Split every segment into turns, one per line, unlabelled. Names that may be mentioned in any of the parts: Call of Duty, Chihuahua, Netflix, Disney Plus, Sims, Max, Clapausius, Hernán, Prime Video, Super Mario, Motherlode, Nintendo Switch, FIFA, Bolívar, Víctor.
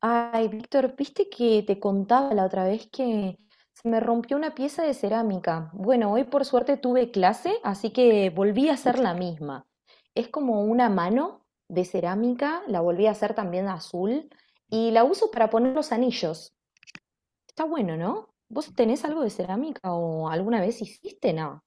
Ay, Víctor, viste que te contaba la otra vez que se me rompió una pieza de cerámica. Bueno, hoy por suerte tuve clase, así que volví a hacer la misma. Es como una mano de cerámica, la volví a hacer también azul y la uso para poner los anillos. Está bueno, ¿no? ¿Vos tenés algo de cerámica o alguna vez hiciste? No.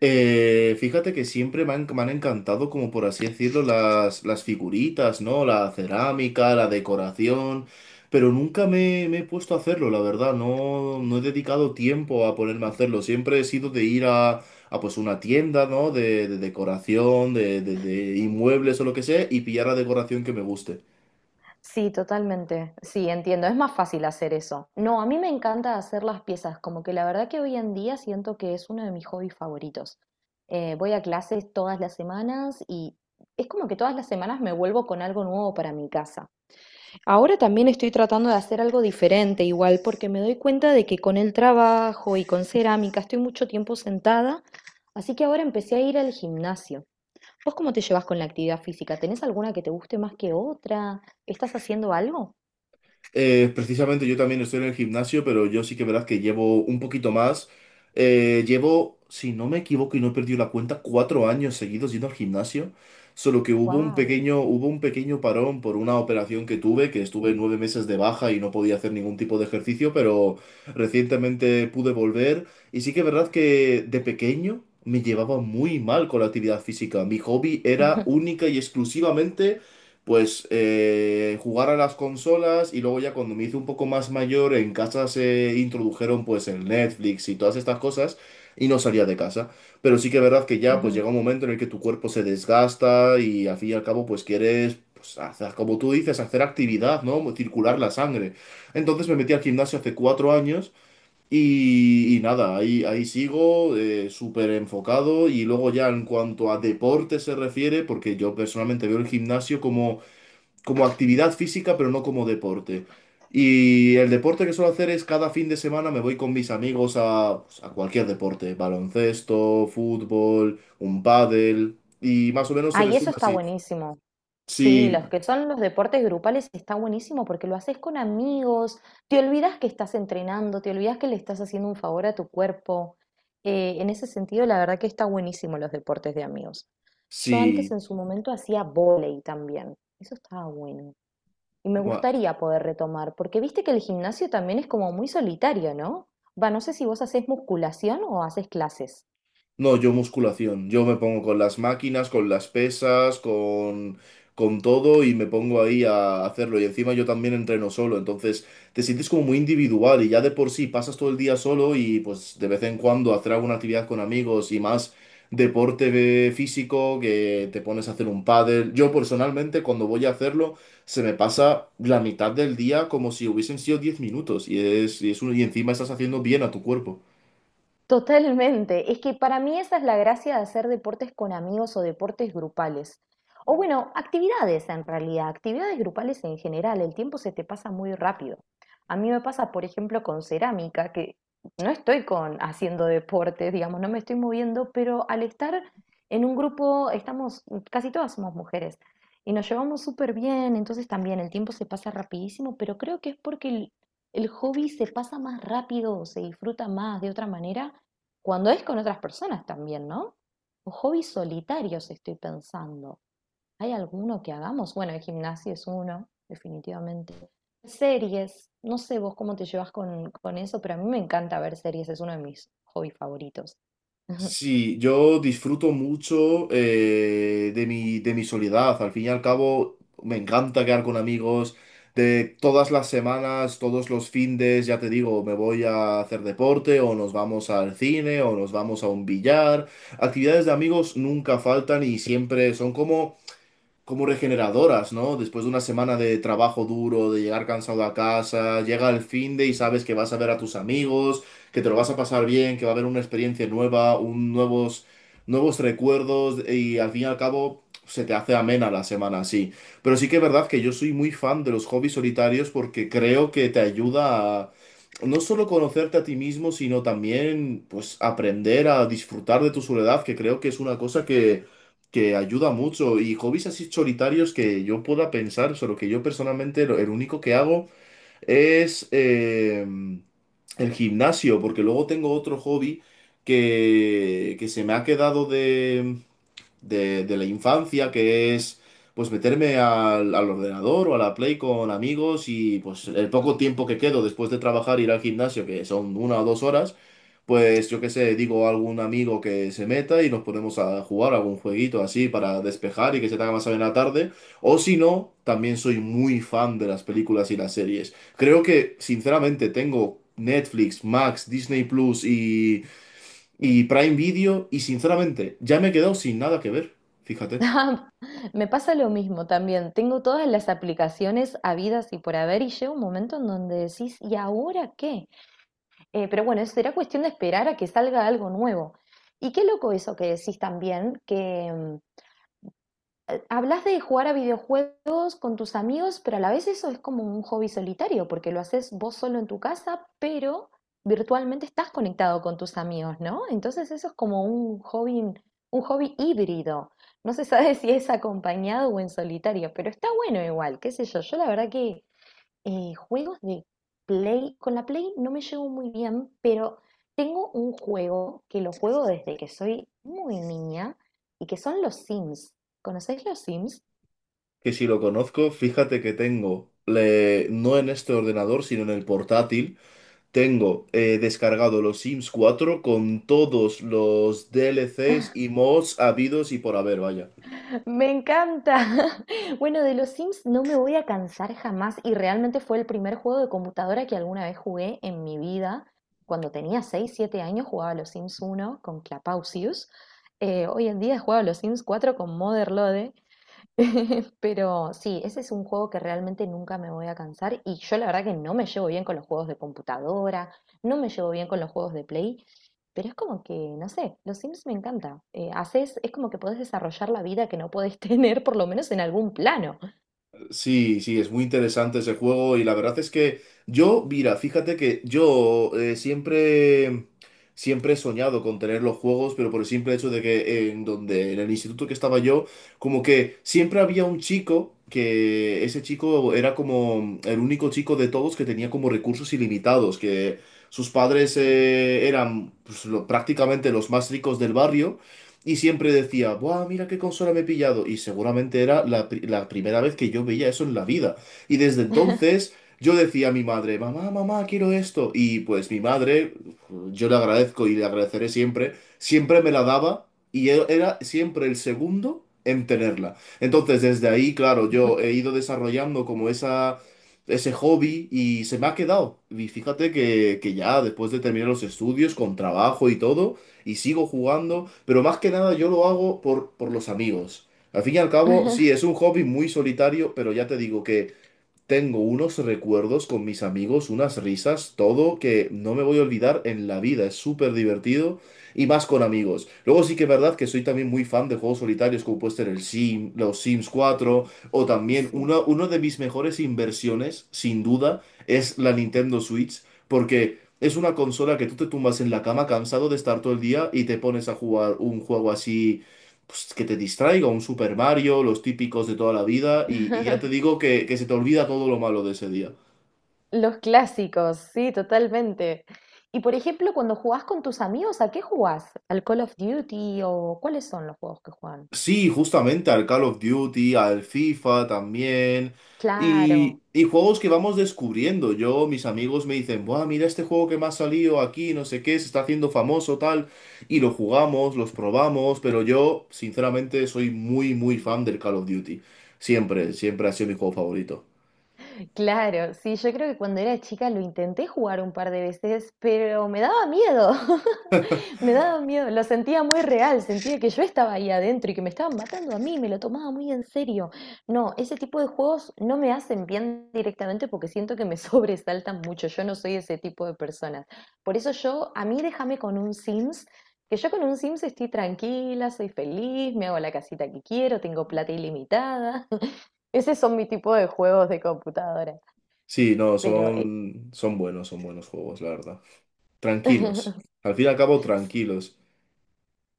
Fíjate que siempre me han encantado, como por así decirlo, las figuritas, ¿no? La cerámica, la decoración, pero nunca me he puesto a hacerlo, la verdad, no, no he dedicado tiempo a ponerme a hacerlo, siempre he sido de ir a pues una tienda, ¿no? De decoración, de inmuebles o lo que sea, y pillar la decoración que me guste.
Sí, totalmente. Sí, entiendo. Es más fácil hacer eso. No, a mí me encanta hacer las piezas. Como que la verdad que hoy en día siento que es uno de mis hobbies favoritos. Voy a clases todas las semanas y es como que todas las semanas me vuelvo con algo nuevo para mi casa. Ahora también estoy tratando de hacer algo diferente, igual, porque me doy cuenta de que con el trabajo y con cerámica estoy mucho tiempo sentada, así que ahora empecé a ir al gimnasio. ¿Vos cómo te llevas con la actividad física? ¿Tenés alguna que te guste más que otra? ¿Estás haciendo algo?
Precisamente yo también estoy en el gimnasio, pero yo sí que verdad que llevo un poquito más. Llevo, si no me equivoco y no he perdido la cuenta, 4 años seguidos yendo al gimnasio. Solo que hubo un
Wow.
pequeño, hubo un pequeño parón por una operación que tuve, que estuve 9 meses de baja y no podía hacer ningún tipo de ejercicio, pero recientemente pude volver. Y sí que es verdad que de pequeño me llevaba muy mal con la actividad física. Mi hobby era única y exclusivamente pues jugar a las consolas, y luego ya cuando me hice un poco más mayor en casa se introdujeron pues el Netflix y todas estas cosas, y no salía de casa. Pero sí que es verdad que ya pues llega un momento en el que tu cuerpo se desgasta y al fin y al cabo pues quieres pues hacer, como tú dices, hacer actividad, ¿no? Circular la sangre. Entonces me metí al gimnasio hace 4 años y nada, ahí sigo, súper enfocado. Y luego ya en cuanto a deporte se refiere, porque yo personalmente veo el gimnasio como actividad física, pero no como deporte. Y el deporte que suelo hacer es cada fin de semana me voy con mis amigos a, pues, a cualquier deporte: baloncesto, fútbol, un pádel, y más o menos se
Ay, eso
resume
está
así.
buenísimo. Sí, los
Sí,
que son los deportes grupales está buenísimo porque lo haces con amigos, te olvidas que estás entrenando, te olvidas que le estás haciendo un favor a tu cuerpo. En ese sentido, la verdad que está buenísimo los deportes de amigos. Yo antes
sí.
en su momento hacía vóley también. Eso estaba bueno. Y me gustaría poder retomar, porque viste que el gimnasio también es como muy solitario, ¿no? Va, no sé si vos haces musculación o haces clases.
No, yo musculación. Yo me pongo con las máquinas, con las pesas, con todo, y me pongo ahí a hacerlo. Y encima yo también entreno solo, entonces te sientes como muy individual, y ya de por sí pasas todo el día solo y pues de vez en cuando hacer alguna actividad con amigos y más deporte físico, que te pones a hacer un pádel. Yo personalmente cuando voy a hacerlo se me pasa la mitad del día como si hubiesen sido 10 minutos, y encima estás haciendo bien a tu cuerpo.
Totalmente. Es que para mí esa es la gracia de hacer deportes con amigos o deportes grupales. O bueno, actividades en realidad, actividades grupales en general. El tiempo se te pasa muy rápido. A mí me pasa, por ejemplo, con cerámica, que no estoy con haciendo deporte, digamos, no me estoy moviendo, pero al estar en un grupo, estamos, casi todas somos mujeres y nos llevamos súper bien, entonces también el tiempo se pasa rapidísimo, pero creo que es porque el hobby se pasa más rápido, se disfruta más de otra manera cuando es con otras personas también, ¿no? O hobbies solitarios estoy pensando. ¿Hay alguno que hagamos? Bueno, el gimnasio es uno, definitivamente. Series, no sé vos cómo te llevas con eso, pero a mí me encanta ver series, es uno de mis hobbies favoritos.
Sí, yo disfruto mucho de mi soledad. Al fin y al cabo, me encanta quedar con amigos de todas las semanas, todos los findes, ya te digo, me voy a hacer deporte o nos vamos al cine o nos vamos a un billar. Actividades de amigos nunca faltan y siempre son como regeneradoras, ¿no? Después de una semana de trabajo duro, de llegar cansado a casa, llega el fin de y sabes que vas a ver a tus amigos, que te lo vas a pasar bien, que va a haber una experiencia nueva, nuevos recuerdos, y al fin y al cabo se te hace amena la semana así. Pero sí que es verdad que yo soy muy fan de los hobbies solitarios, porque creo que te ayuda a no solo conocerte a ti mismo, sino también pues aprender a disfrutar de tu soledad, que creo que es una cosa que ayuda mucho. Y hobbies así solitarios que yo pueda pensar, solo que yo personalmente, el único que hago es el gimnasio, porque luego tengo otro hobby que se me ha quedado de la infancia, que es pues meterme al ordenador o a la Play con amigos. Y pues el poco tiempo que quedo después de trabajar, ir al gimnasio, que son 1 o 2 horas, pues yo qué sé, digo a algún amigo que se meta y nos ponemos a jugar algún jueguito así para despejar y que se te haga más bien la tarde. O si no, también soy muy fan de las películas y las series. Creo que, sinceramente, tengo Netflix, Max, Disney Plus y Prime Video, y sinceramente ya me he quedado sin nada que ver. Fíjate,
Ah, me pasa lo mismo también. Tengo todas las aplicaciones habidas y por haber y llega un momento en donde decís, ¿y ahora qué? Pero bueno, será cuestión de esperar a que salga algo nuevo. Y qué loco eso que decís también, que, hablas de jugar a videojuegos con tus amigos, pero a la vez eso es como un hobby solitario, porque lo haces vos solo en tu casa, pero virtualmente estás conectado con tus amigos, ¿no? Entonces eso es como un hobby híbrido. No se sabe si es acompañado o en solitario, pero está bueno igual, qué sé yo. Yo la verdad que juegos de Play, con la Play no me llevo muy bien, pero tengo un juego que lo juego desde que soy muy niña y que son los Sims. ¿Conocéis los Sims?
que si lo conozco. Fíjate que tengo, no en este ordenador, sino en el portátil, tengo descargado los Sims 4 con todos los DLCs y mods habidos y por haber, vaya.
Me encanta. Bueno, de los Sims no me voy a cansar jamás y realmente fue el primer juego de computadora que alguna vez jugué en mi vida. Cuando tenía 6 7 años jugaba a los Sims 1 con Clapausius. Hoy en día he jugado a los Sims 4 con Motherlode. Pero sí, ese es un juego que realmente nunca me voy a cansar y yo la verdad que no me llevo bien con los juegos de computadora, no me llevo bien con los juegos de Play, pero es como que, no sé, los Sims me encanta. Haces, es como que podés desarrollar la vida que no podés tener, por lo menos en algún plano.
Sí, sí, es muy interesante ese juego. Y la verdad es que yo, mira, fíjate que yo siempre, siempre he soñado con tener los juegos, pero por el simple hecho de que en donde, en el instituto que estaba yo, como que siempre había un chico, que ese chico era como el único chico de todos que tenía como recursos ilimitados, que sus padres eran pues, prácticamente los más ricos del barrio, y siempre decía: ¡buah, mira qué consola me he pillado! Y seguramente era la primera vez que yo veía eso en la vida. Y desde entonces yo decía a mi madre: mamá, mamá, quiero esto. Y pues mi madre, yo le agradezco y le agradeceré siempre, siempre me la daba, y era siempre el segundo en tenerla. Entonces desde ahí, claro, yo he ido desarrollando como ese hobby, y se me ha quedado. Y fíjate que ya después de terminar los estudios, con trabajo y todo, y sigo jugando, pero más que nada yo lo hago por los amigos. Al fin y al cabo, sí, es un hobby muy solitario, pero ya te digo que tengo unos recuerdos con mis amigos, unas risas, todo que no me voy a olvidar en la vida. Es súper divertido, y más con amigos. Luego sí que es verdad que soy también muy fan de juegos solitarios, como puede ser los Sims 4, o también
Sí.
una de mis mejores inversiones, sin duda, es la Nintendo Switch, porque es una consola que tú te tumbas en la cama cansado de estar todo el día y te pones a jugar un juego así pues, que te distraiga, un Super Mario, los típicos de toda la vida, y ya te digo que se te olvida todo lo malo de ese día.
Los clásicos, sí, totalmente. Y por ejemplo, cuando jugás con tus amigos, ¿a qué jugás? ¿Al Call of Duty o cuáles son los juegos que juegan?
Sí, justamente al Call of Duty, al FIFA también, y,
Claro.
y juegos que vamos descubriendo. Yo, mis amigos me dicen: buah, mira este juego que me ha salido aquí, no sé qué, se está haciendo famoso, tal, y lo jugamos, los probamos. Pero yo, sinceramente, soy muy, muy fan del Call of Duty. Siempre, siempre ha sido mi juego favorito.
Claro, sí, yo creo que cuando era chica lo intenté jugar un par de veces, pero me daba miedo, me daba miedo, lo sentía muy real, sentía que yo estaba ahí adentro y que me estaban matando a mí, me lo tomaba muy en serio. No, ese tipo de juegos no me hacen bien directamente porque siento que me sobresaltan mucho, yo no soy ese tipo de personas. Por eso yo, a mí déjame con un Sims, que yo con un Sims estoy tranquila, soy feliz, me hago la casita que quiero, tengo plata ilimitada. Ese son mi tipo de juegos de computadora.
Sí, no,
Pero,
son buenos juegos, la verdad. Tranquilos. Al fin y al cabo, tranquilos.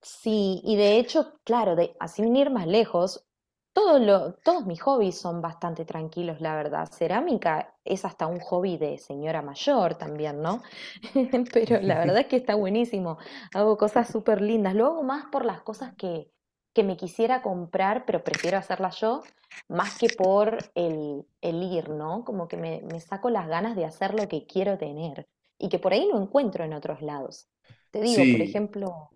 sí, y de hecho, claro, así sin ir más lejos, todos mis hobbies son bastante tranquilos, la verdad. Cerámica es hasta un hobby de señora mayor también, ¿no? Pero la verdad es que está buenísimo. Hago cosas súper lindas. Lo hago más por las cosas que me quisiera comprar, pero prefiero hacerlas yo, más que por el ir, ¿no? Como que me saco las ganas de hacer lo que quiero tener y que por ahí no encuentro en otros lados. Te digo, por
Sí,
ejemplo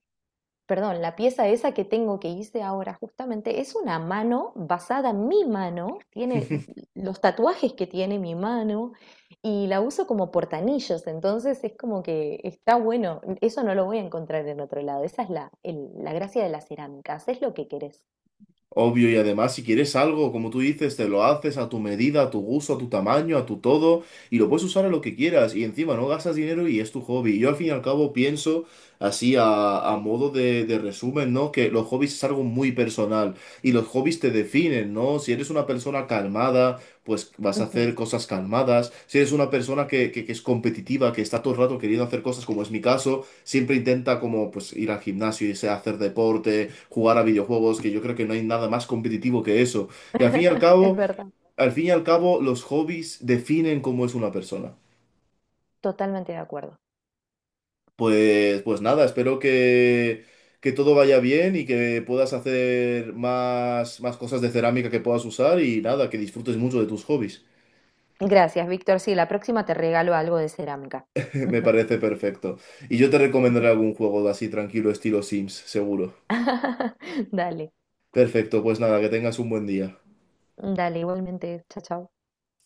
perdón, la pieza esa que tengo que hice ahora justamente es una mano basada en mi mano, tiene los tatuajes que tiene mi mano y la uso como portanillos, entonces es como que está bueno, eso no lo voy a encontrar en otro lado, esa es la gracia de la cerámica, haces lo que querés.
obvio. Y además, si quieres algo, como tú dices, te lo haces a tu medida, a tu gusto, a tu tamaño, a tu todo, y lo puedes usar a lo que quieras. Y encima no gastas dinero y es tu hobby. Yo al fin y al cabo pienso así, a modo de resumen, ¿no? Que los hobbies es algo muy personal, y los hobbies te definen, ¿no? Si eres una persona calmada, pues vas a
Ujú.
hacer cosas calmadas. Si eres una persona que es competitiva, que está todo el rato queriendo hacer cosas, como es mi caso, siempre intenta como pues ir al gimnasio, irse a hacer deporte, jugar a videojuegos, que yo creo que no hay nada más competitivo que eso. Y al fin y al
Es
cabo,
verdad.
al fin y al cabo, los hobbies definen cómo es una persona.
Totalmente de acuerdo.
Pues nada, espero que todo vaya bien y que puedas hacer más cosas de cerámica que puedas usar, y nada, que disfrutes mucho de tus hobbies.
Gracias, Víctor. Sí, la próxima te regalo algo de cerámica.
Me
Ujú,
parece perfecto. Y yo te
ujú.
recomendaré algún juego así tranquilo, estilo Sims, seguro.
Dale,
Perfecto, pues nada, que tengas un buen día.
dale, igualmente, chao, chao.